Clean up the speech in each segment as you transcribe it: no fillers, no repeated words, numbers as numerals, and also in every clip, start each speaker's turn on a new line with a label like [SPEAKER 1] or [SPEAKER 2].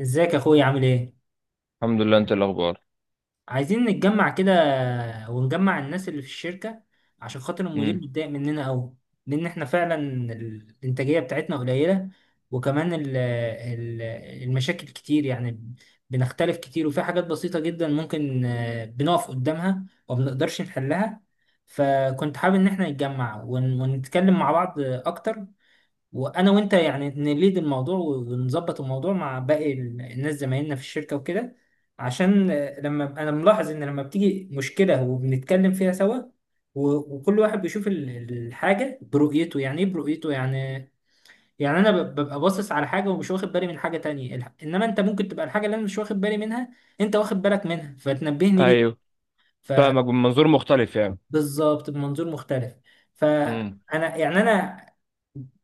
[SPEAKER 1] ازيك يا اخويا، عامل ايه؟
[SPEAKER 2] الحمد لله. انت إيه الاخبار؟
[SPEAKER 1] عايزين نتجمع كده، ونجمع الناس اللي في الشركة عشان خاطر المدير
[SPEAKER 2] امم.
[SPEAKER 1] متضايق مننا قوي. لان احنا فعلا الانتاجية بتاعتنا قليلة، وكمان ال ال المشاكل كتير يعني. بنختلف كتير، وفي حاجات بسيطة جدا ممكن بنقف قدامها ومبنقدرش نحلها. فكنت حابب ان احنا نتجمع ونتكلم مع بعض اكتر، وانا وانت يعني نليد الموضوع ونظبط الموضوع مع باقي الناس زمايلنا في الشركه وكده. عشان لما انا ملاحظ ان لما بتيجي مشكله وبنتكلم فيها سوا، وكل واحد بيشوف الحاجه برؤيته، يعني ايه برؤيته يعني؟ يعني انا ببقى باصص على حاجه ومش واخد بالي من حاجه تانية، انما انت ممكن تبقى الحاجه اللي انا مش واخد بالي منها، انت واخد بالك منها فتنبهني
[SPEAKER 2] ايوه،
[SPEAKER 1] ليه.
[SPEAKER 2] فاهمك من منظور مختلف يعني.
[SPEAKER 1] فبالظبط، بمنظور مختلف.
[SPEAKER 2] امم.
[SPEAKER 1] فانا يعني انا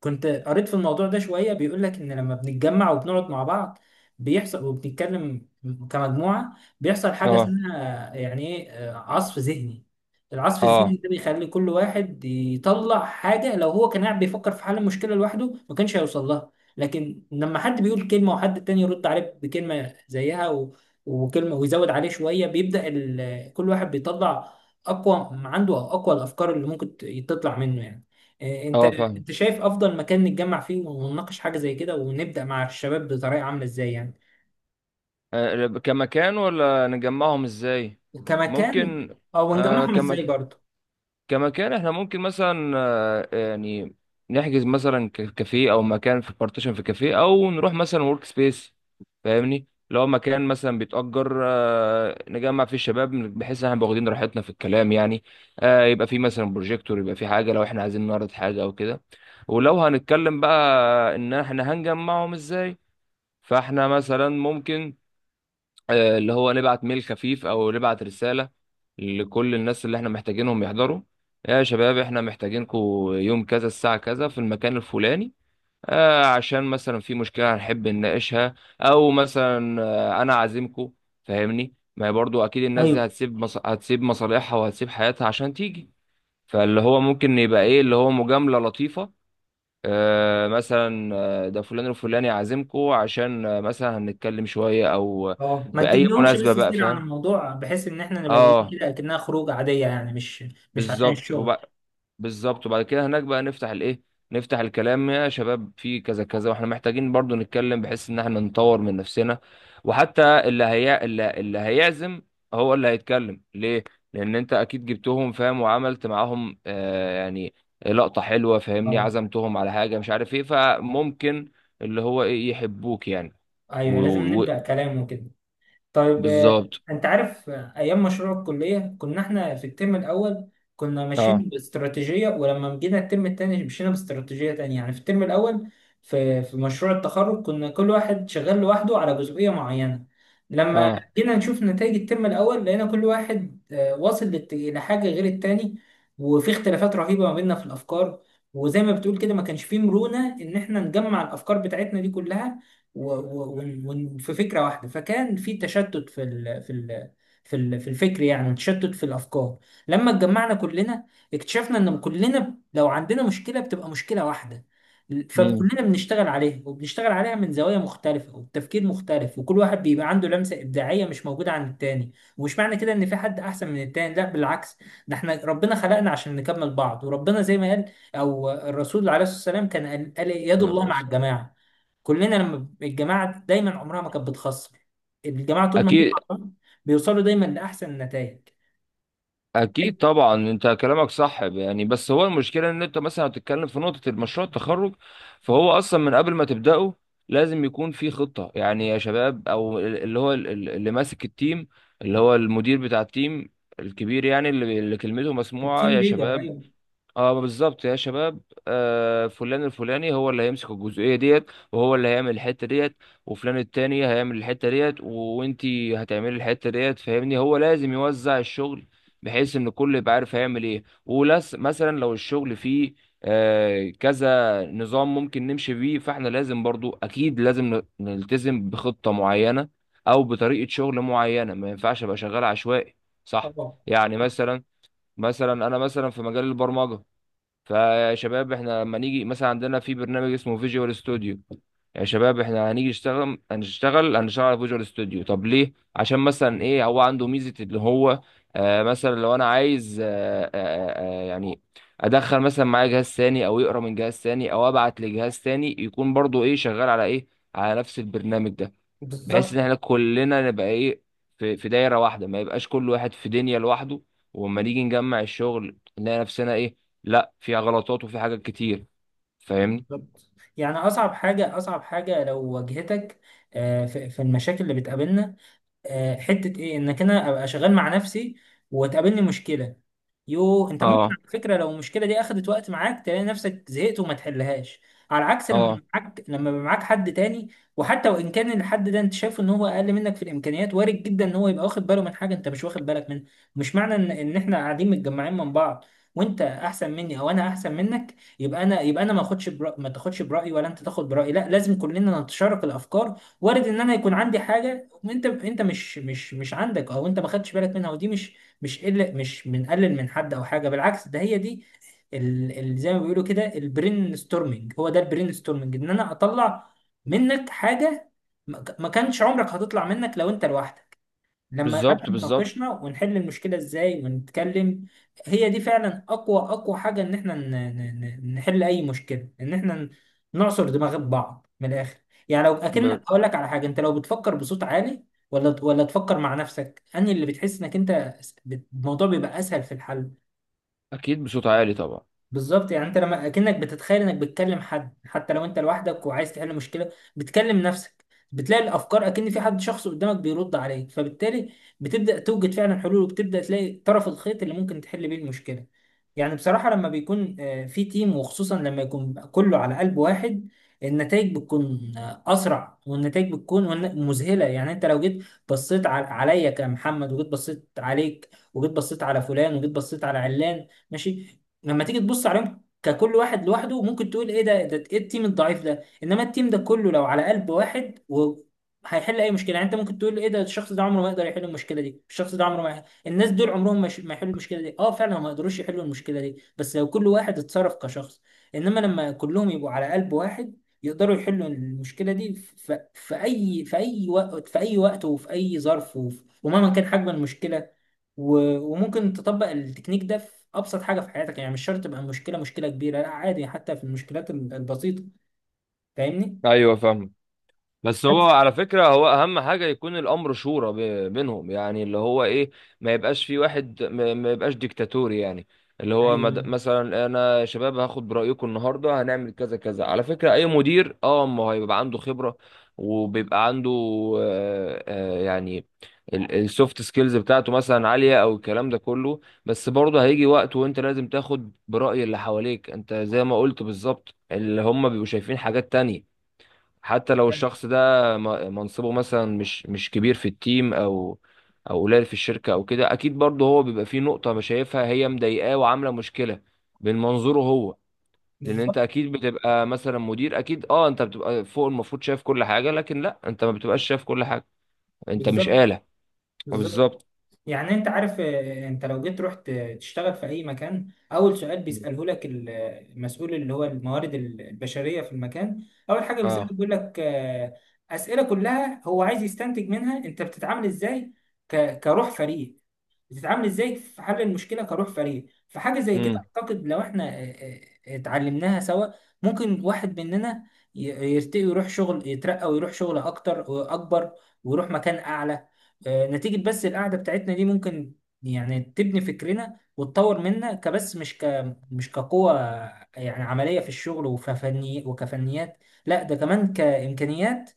[SPEAKER 1] كنت قريت في الموضوع ده شوية، بيقول لك إن لما بنتجمع وبنقعد مع بعض بيحصل وبنتكلم كمجموعة، بيحصل حاجة
[SPEAKER 2] اه.
[SPEAKER 1] اسمها يعني إيه عصف ذهني. العصف الذهني
[SPEAKER 2] اه.
[SPEAKER 1] ده بيخلي كل واحد يطلع حاجة لو هو كان قاعد بيفكر في حل المشكلة لوحده ما كانش هيوصل لها. لكن لما حد بيقول كلمة وحد تاني يرد عليه بكلمة زيها وكلمة ويزود عليه شوية، كل واحد بيطلع أقوى ما عنده أو أقوى الأفكار اللي ممكن تطلع منه يعني. انت
[SPEAKER 2] اه. فاهم.
[SPEAKER 1] شايف افضل مكان نتجمع فيه ونناقش حاجه زي كده، ونبدا مع الشباب بطريقه عامله ازاي يعني؟
[SPEAKER 2] كمكان ولا نجمعهم ازاي؟
[SPEAKER 1] كمكان
[SPEAKER 2] ممكن.
[SPEAKER 1] او
[SPEAKER 2] آه،
[SPEAKER 1] نجمعهم ازاي
[SPEAKER 2] كمكان.
[SPEAKER 1] برضه.
[SPEAKER 2] كمكان احنا ممكن مثلا يعني نحجز مثلا كافيه او مكان في بارتيشن في كافيه او نروح مثلا ورك سبيس. فاهمني، لو مكان مثلا بيتأجر، نجمع فيه الشباب، بحيث ان احنا نبقى واخدين راحتنا في الكلام يعني. يبقى فيه مثلا بروجيكتور، يبقى فيه حاجة لو احنا عايزين نعرض حاجة او كده. ولو هنتكلم بقى ان احنا هنجمعهم ازاي، فاحنا مثلا ممكن اللي هو نبعت ميل خفيف او نبعت رسالة لكل الناس اللي احنا محتاجينهم يحضروا. يا شباب، احنا محتاجينكم يوم كذا الساعة كذا في المكان الفلاني، عشان مثلا في مشكلة هنحب نناقشها، او مثلا انا عازمكم. فاهمني، ما هي برضو اكيد الناس دي
[SPEAKER 1] ايوه.
[SPEAKER 2] هتسيب هتسيب مصالحها وهتسيب حياتها عشان تيجي. فاللي هو ممكن يبقى ايه، اللي هو مجاملة لطيفة، مثلا، ده فلان الفلاني عازمكو عشان مثلا هنتكلم شوية او
[SPEAKER 1] اه، ما تجيب
[SPEAKER 2] بأي
[SPEAKER 1] لهمش بس
[SPEAKER 2] مناسبة بقى،
[SPEAKER 1] سيرة عن
[SPEAKER 2] فاهم.
[SPEAKER 1] الموضوع، بحيث ان احنا نبقى جايين
[SPEAKER 2] اه،
[SPEAKER 1] كده اكنها خروج عاديه يعني، مش مش عشان
[SPEAKER 2] بالظبط.
[SPEAKER 1] الشغل.
[SPEAKER 2] بالظبط، وبعد كده هناك بقى نفتح الايه، نفتح الكلام. يا شباب، في كذا كذا واحنا محتاجين برضو نتكلم بحيث ان احنا نطور من نفسنا. وحتى اللي هي اللي هيعزم هو اللي هيتكلم ليه، لان انت اكيد جبتهم فاهم، وعملت معاهم آه يعني لقطة حلوة. فاهمني،
[SPEAKER 1] اه،
[SPEAKER 2] عزمتهم على حاجة مش عارف ايه، فممكن اللي هو ايه، يحبوك يعني. و...
[SPEAKER 1] ايوه، لازم
[SPEAKER 2] و...
[SPEAKER 1] نبدا كلام وكده. طيب
[SPEAKER 2] بالظبط.
[SPEAKER 1] انت عارف ايام مشروع الكليه، كنا احنا في الترم الاول كنا
[SPEAKER 2] اه.
[SPEAKER 1] ماشيين باستراتيجيه، ولما جينا الترم الثاني مشينا باستراتيجيه تانية. يعني في الترم الاول، في مشروع التخرج، كنا كل واحد شغال لوحده على جزئيه معينه. لما
[SPEAKER 2] اه.
[SPEAKER 1] جينا نشوف نتائج الترم الاول، لقينا كل واحد واصل لحاجه غير التاني، وفي اختلافات رهيبه ما بيننا في الافكار. وزي ما بتقول كده، ما كانش فيه مرونه ان احنا نجمع الافكار بتاعتنا دي كلها وفي فكره واحده، فكان في تشتت في ال في ال في ال في الفكر يعني، وتشتت في الافكار. لما اتجمعنا كلنا، اكتشفنا ان كلنا لو عندنا مشكله بتبقى مشكله واحده،
[SPEAKER 2] امم.
[SPEAKER 1] فكلنا بنشتغل عليها وبنشتغل عليها من زوايا مختلفة وبتفكير مختلف، وكل واحد بيبقى عنده لمسة إبداعية مش موجودة عند التاني. ومش معنى كده إن في حد أحسن من التاني، لا بالعكس، ده احنا ربنا خلقنا عشان نكمل بعض. وربنا زي ما قال أو الرسول عليه الصلاة والسلام كان قال إيه؟ يد الله مع الجماعة. كلنا لما الجماعه دايما عمرها ما كانت بتخسر، الجماعه طول ما هي
[SPEAKER 2] اكيد.
[SPEAKER 1] مع بعض بيوصلوا دايما لاحسن النتائج.
[SPEAKER 2] اكيد طبعا، انت كلامك صح يعني. بس هو المشكله ان انت مثلا هتتكلم في نقطه المشروع التخرج، فهو اصلا من قبل ما تبداه لازم يكون في خطه يعني. يا شباب، او اللي هو اللي ماسك التيم، اللي هو المدير بتاع التيم الكبير يعني، اللي كلمته مسموعه.
[SPEAKER 1] التيم
[SPEAKER 2] يا
[SPEAKER 1] ليدر،
[SPEAKER 2] شباب،
[SPEAKER 1] ايوه.
[SPEAKER 2] اه بالظبط. يا شباب، آه فلان الفلاني هو اللي هيمسك الجزئيه ديت وهو اللي هيعمل الحته ديت، وفلان التاني هيعمل الحته ديت وانتي هتعملي الحته ديت. فاهمني، هو لازم يوزع الشغل بحيث ان كل يبقى عارف هيعمل ايه، ولس مثلا لو الشغل فيه آه كذا نظام ممكن نمشي بيه، فاحنا لازم برضو اكيد لازم نلتزم بخطه معينه او بطريقه شغل معينه. ما ينفعش ابقى شغال عشوائي، صح؟
[SPEAKER 1] طبعا.
[SPEAKER 2] يعني مثلا، مثلا انا مثلا في مجال البرمجه، فيا شباب احنا لما نيجي مثلا عندنا في برنامج اسمه فيجوال ستوديو. يا شباب، احنا هنيجي نشتغل، هنشتغل على فيجوال ستوديو. طب ليه؟ عشان مثلا ايه، هو عنده ميزة اللي هو آه مثلا لو انا عايز يعني ادخل مثلا معايا جهاز ثاني او يقرا من جهاز ثاني او ابعت لجهاز ثاني، يكون برضو ايه، شغال على ايه، على نفس البرنامج ده. بحيث ان
[SPEAKER 1] بالظبط
[SPEAKER 2] احنا كلنا نبقى ايه، في دايره واحده، ما يبقاش كل واحد في دنيا لوحده. واما نيجي نجمع الشغل نلاقي نفسنا ايه، لا فيها غلطات وفي حاجات كتير. فاهمني.
[SPEAKER 1] بالظبط. يعني اصعب حاجه، اصعب حاجه لو واجهتك في المشاكل اللي بتقابلنا، حته ايه؟ انك انا ابقى شغال مع نفسي وتقابلني مشكله. يو، انت ممكن
[SPEAKER 2] اه.
[SPEAKER 1] على فكره لو المشكله دي اخدت وقت معاك، تلاقي نفسك زهقت وما تحلهاش، على عكس لما
[SPEAKER 2] اه.
[SPEAKER 1] يبقى معاك، لما يبقى معاك حد تاني. وحتى وان كان الحد ده انت شايفه ان هو اقل منك في الامكانيات، وارد جدا ان هو يبقى واخد باله من حاجه انت مش واخد بالك منها. مش معنى ان احنا قاعدين متجمعين من بعض، وانت احسن مني او انا احسن منك، يبقى انا ما اخدش برأ... ما تاخدش برايي ولا انت تاخد برايي. لا، لازم كلنا نتشارك الافكار. وارد ان انا يكون عندي حاجه انت مش عندك، او انت ما خدتش بالك منها. ودي مش مش قل مش بنقلل من حد او حاجه، بالعكس، ده هي دي زي ما بيقولوا كده البرين ستورمنج. هو ده البرين ستورمنج، ان انا اطلع منك حاجه ما كانش عمرك هتطلع منك لو انت لوحدك، لما قعدنا
[SPEAKER 2] بالظبط. بالظبط.
[SPEAKER 1] اتناقشنا ونحل المشكلة ازاي ونتكلم. هي دي فعلا اقوى، اقوى حاجة ان احنا نحل اي مشكلة، ان احنا نعصر دماغ بعض من الاخر. يعني لو اكن
[SPEAKER 2] م-
[SPEAKER 1] اقول لك على حاجة، انت لو بتفكر بصوت عالي ولا تفكر مع نفسك، انهي اللي بتحس انك انت الموضوع بيبقى اسهل في الحل؟
[SPEAKER 2] اكيد، بصوت عالي طبعا.
[SPEAKER 1] بالظبط، يعني انت لما اكنك بتتخيل انك بتكلم حد، حتى لو انت لوحدك وعايز تحل مشكله بتكلم نفسك، بتلاقي الافكار اكن في حد شخص قدامك بيرد عليك. فبالتالي بتبدا توجد فعلا حلول، وبتبدا تلاقي طرف الخيط اللي ممكن تحل بيه المشكله. يعني بصراحه لما بيكون في تيم، وخصوصا لما يكون كله على قلب واحد، النتائج بتكون اسرع، والنتائج بتكون مذهله. يعني انت لو جيت بصيت عليا كمحمد، وجيت بصيت عليك، وجيت بصيت على فلان، وجيت بصيت على علان، ماشي. لما تيجي تبص عليهم ككل واحد لوحده، ممكن تقول ايه ده؟ ايه التيم الضعيف ده؟ انما التيم ده كله لو على قلب واحد و هيحل اي مشكله. يعني انت ممكن تقول ايه ده؟ الشخص ده عمره ما يقدر يحل المشكله دي، الشخص ده عمره ما يحل، الناس دول عمرهم ما يحلوا المشكله دي. اه فعلا ما يقدروش يحلوا المشكله دي بس لو كل واحد اتصرف كشخص، انما لما كلهم يبقوا على قلب واحد، يقدروا يحلوا المشكله دي في في اي وقت، وفي اي ظرف، ومهما كان حجم المشكله. وممكن تطبق التكنيك ده في ابسط حاجه في حياتك، يعني مش شرط تبقى المشكله مشكله كبيره، لا عادي حتى في المشكلات البسيطه. فاهمني؟
[SPEAKER 2] ايوه، فاهم. بس هو
[SPEAKER 1] بس.
[SPEAKER 2] على فكرة هو أهم حاجة يكون الأمر شورى بينهم، يعني اللي هو إيه، ما يبقاش في واحد، ما ما يبقاش ديكتاتوري يعني. اللي هو
[SPEAKER 1] ايوه.
[SPEAKER 2] مثلا أنا يا شباب هاخد برأيكم النهاردة هنعمل كذا كذا. على فكرة أي مدير أه ما هو هيبقى عنده خبرة، وبيبقى عنده يعني السوفت سكيلز بتاعته مثلا عالية أو الكلام ده كله. بس برضه هيجي وقت وأنت لازم تاخد برأي اللي حواليك. أنت زي ما قلت بالظبط، اللي هم بيبقوا شايفين حاجات تانية، حتى لو الشخص ده منصبه مثلا مش كبير في التيم، او او قليل في الشركه او كده، اكيد برضه هو بيبقى فيه نقطه مش شايفها، هي مضايقاه وعامله مشكله من منظوره هو. لان انت
[SPEAKER 1] بالظبط
[SPEAKER 2] اكيد بتبقى مثلا مدير، اكيد اه انت بتبقى فوق، المفروض شايف كل حاجه، لكن لا، انت ما بتبقاش شايف كل حاجه، انت مش
[SPEAKER 1] بالظبط
[SPEAKER 2] آلة.
[SPEAKER 1] بالظبط.
[SPEAKER 2] بالظبط.
[SPEAKER 1] يعني انت عارف انت لو جيت رحت تشتغل في اي مكان، اول سؤال بيساله لك المسؤول اللي هو الموارد البشريه في المكان، اول حاجه بيسالك
[SPEAKER 2] اه.
[SPEAKER 1] بيقول لك اسئله كلها هو عايز يستنتج منها انت بتتعامل ازاي كروح فريق، بتتعامل ازاي في حل المشكله كروح فريق. فحاجه زي كده
[SPEAKER 2] امم.
[SPEAKER 1] اعتقد لو احنا اتعلمناها سوا، ممكن واحد مننا ي- يرتقي ويروح شغل، يترقى ويروح شغل اكتر واكبر، ويروح مكان اعلى نتيجه بس القعده بتاعتنا دي. ممكن يعني تبني فكرنا وتطور منا، كبس مش مش كقوة يعني عملية في الشغل وفني وكفنيات، لا ده كمان كإمكانيات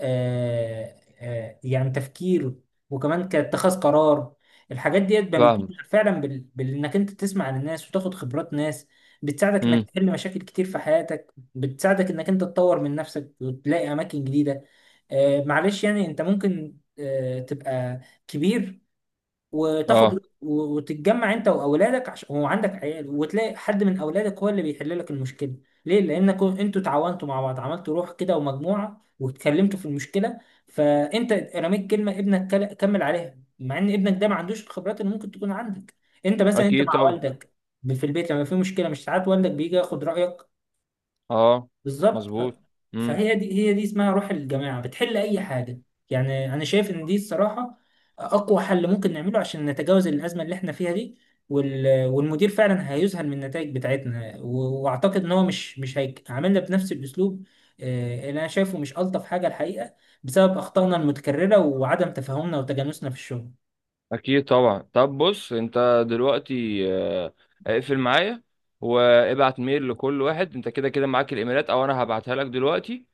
[SPEAKER 1] يعني تفكير، وكمان كاتخاذ قرار. الحاجات ديت بقى بتجيب
[SPEAKER 2] فاهم.
[SPEAKER 1] فعلا بانك انت تسمع عن الناس وتاخد خبرات ناس، بتساعدك انك
[SPEAKER 2] امم.
[SPEAKER 1] تحل مشاكل كتير في حياتك، بتساعدك انك انت تطور من نفسك وتلاقي اماكن جديده. آه معلش، يعني انت ممكن آه تبقى كبير وتاخد
[SPEAKER 2] اه،
[SPEAKER 1] وتتجمع انت واولادك، عشان وعندك عيال، وتلاقي حد من اولادك هو اللي بيحل لك المشكله. ليه؟ لانكم انتوا تعاونتوا مع بعض، عملتوا روح كده ومجموعه، واتكلمتوا في المشكله، فانت رميت كلمه ابنك كمل عليها، مع ان ابنك ده ما عندوش الخبرات اللي ممكن تكون عندك. انت مثلا
[SPEAKER 2] اكيد
[SPEAKER 1] مع
[SPEAKER 2] طبعا.
[SPEAKER 1] والدك في البيت، لما في مشكله، مش ساعات والدك بيجي ياخد رايك؟
[SPEAKER 2] اه،
[SPEAKER 1] بالظبط.
[SPEAKER 2] مظبوط. امم.
[SPEAKER 1] فهي دي، هي دي اسمها روح الجماعة، بتحل أي حاجة. يعني أنا شايف إن دي الصراحة أقوى حل ممكن نعمله عشان نتجاوز الأزمة اللي إحنا فيها دي. والمدير فعلا هيذهل من النتائج بتاعتنا، وأعتقد إن هو مش هيعاملنا بنفس الأسلوب اللي أنا شايفه مش ألطف حاجة الحقيقة، بسبب أخطائنا المتكررة وعدم تفاهمنا وتجانسنا في الشغل.
[SPEAKER 2] اكيد طبعا. طب بص، انت دلوقتي اقفل معايا وابعت ميل لكل واحد، انت كده كده معاك الايميلات او انا هبعتها لك دلوقتي.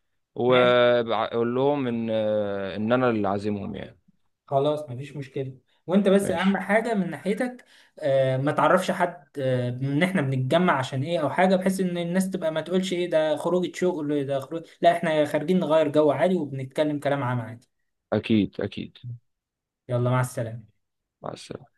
[SPEAKER 1] ماشي،
[SPEAKER 2] وقول لهم ان ان انا اللي عازمهم يعني.
[SPEAKER 1] خلاص مفيش مشكلة. وانت بس اهم
[SPEAKER 2] ماشي.
[SPEAKER 1] حاجة من ناحيتك ما تعرفش حد آه ان احنا بنتجمع عشان ايه او حاجة، بحيث ان الناس تبقى ما تقولش ايه ده، خروجة شغل ده؟ خروج، لا احنا خارجين نغير جو عادي وبنتكلم كلام عام عادي.
[SPEAKER 2] اكيد، اكيد.
[SPEAKER 1] يلا مع السلامة.
[SPEAKER 2] مع السلامه.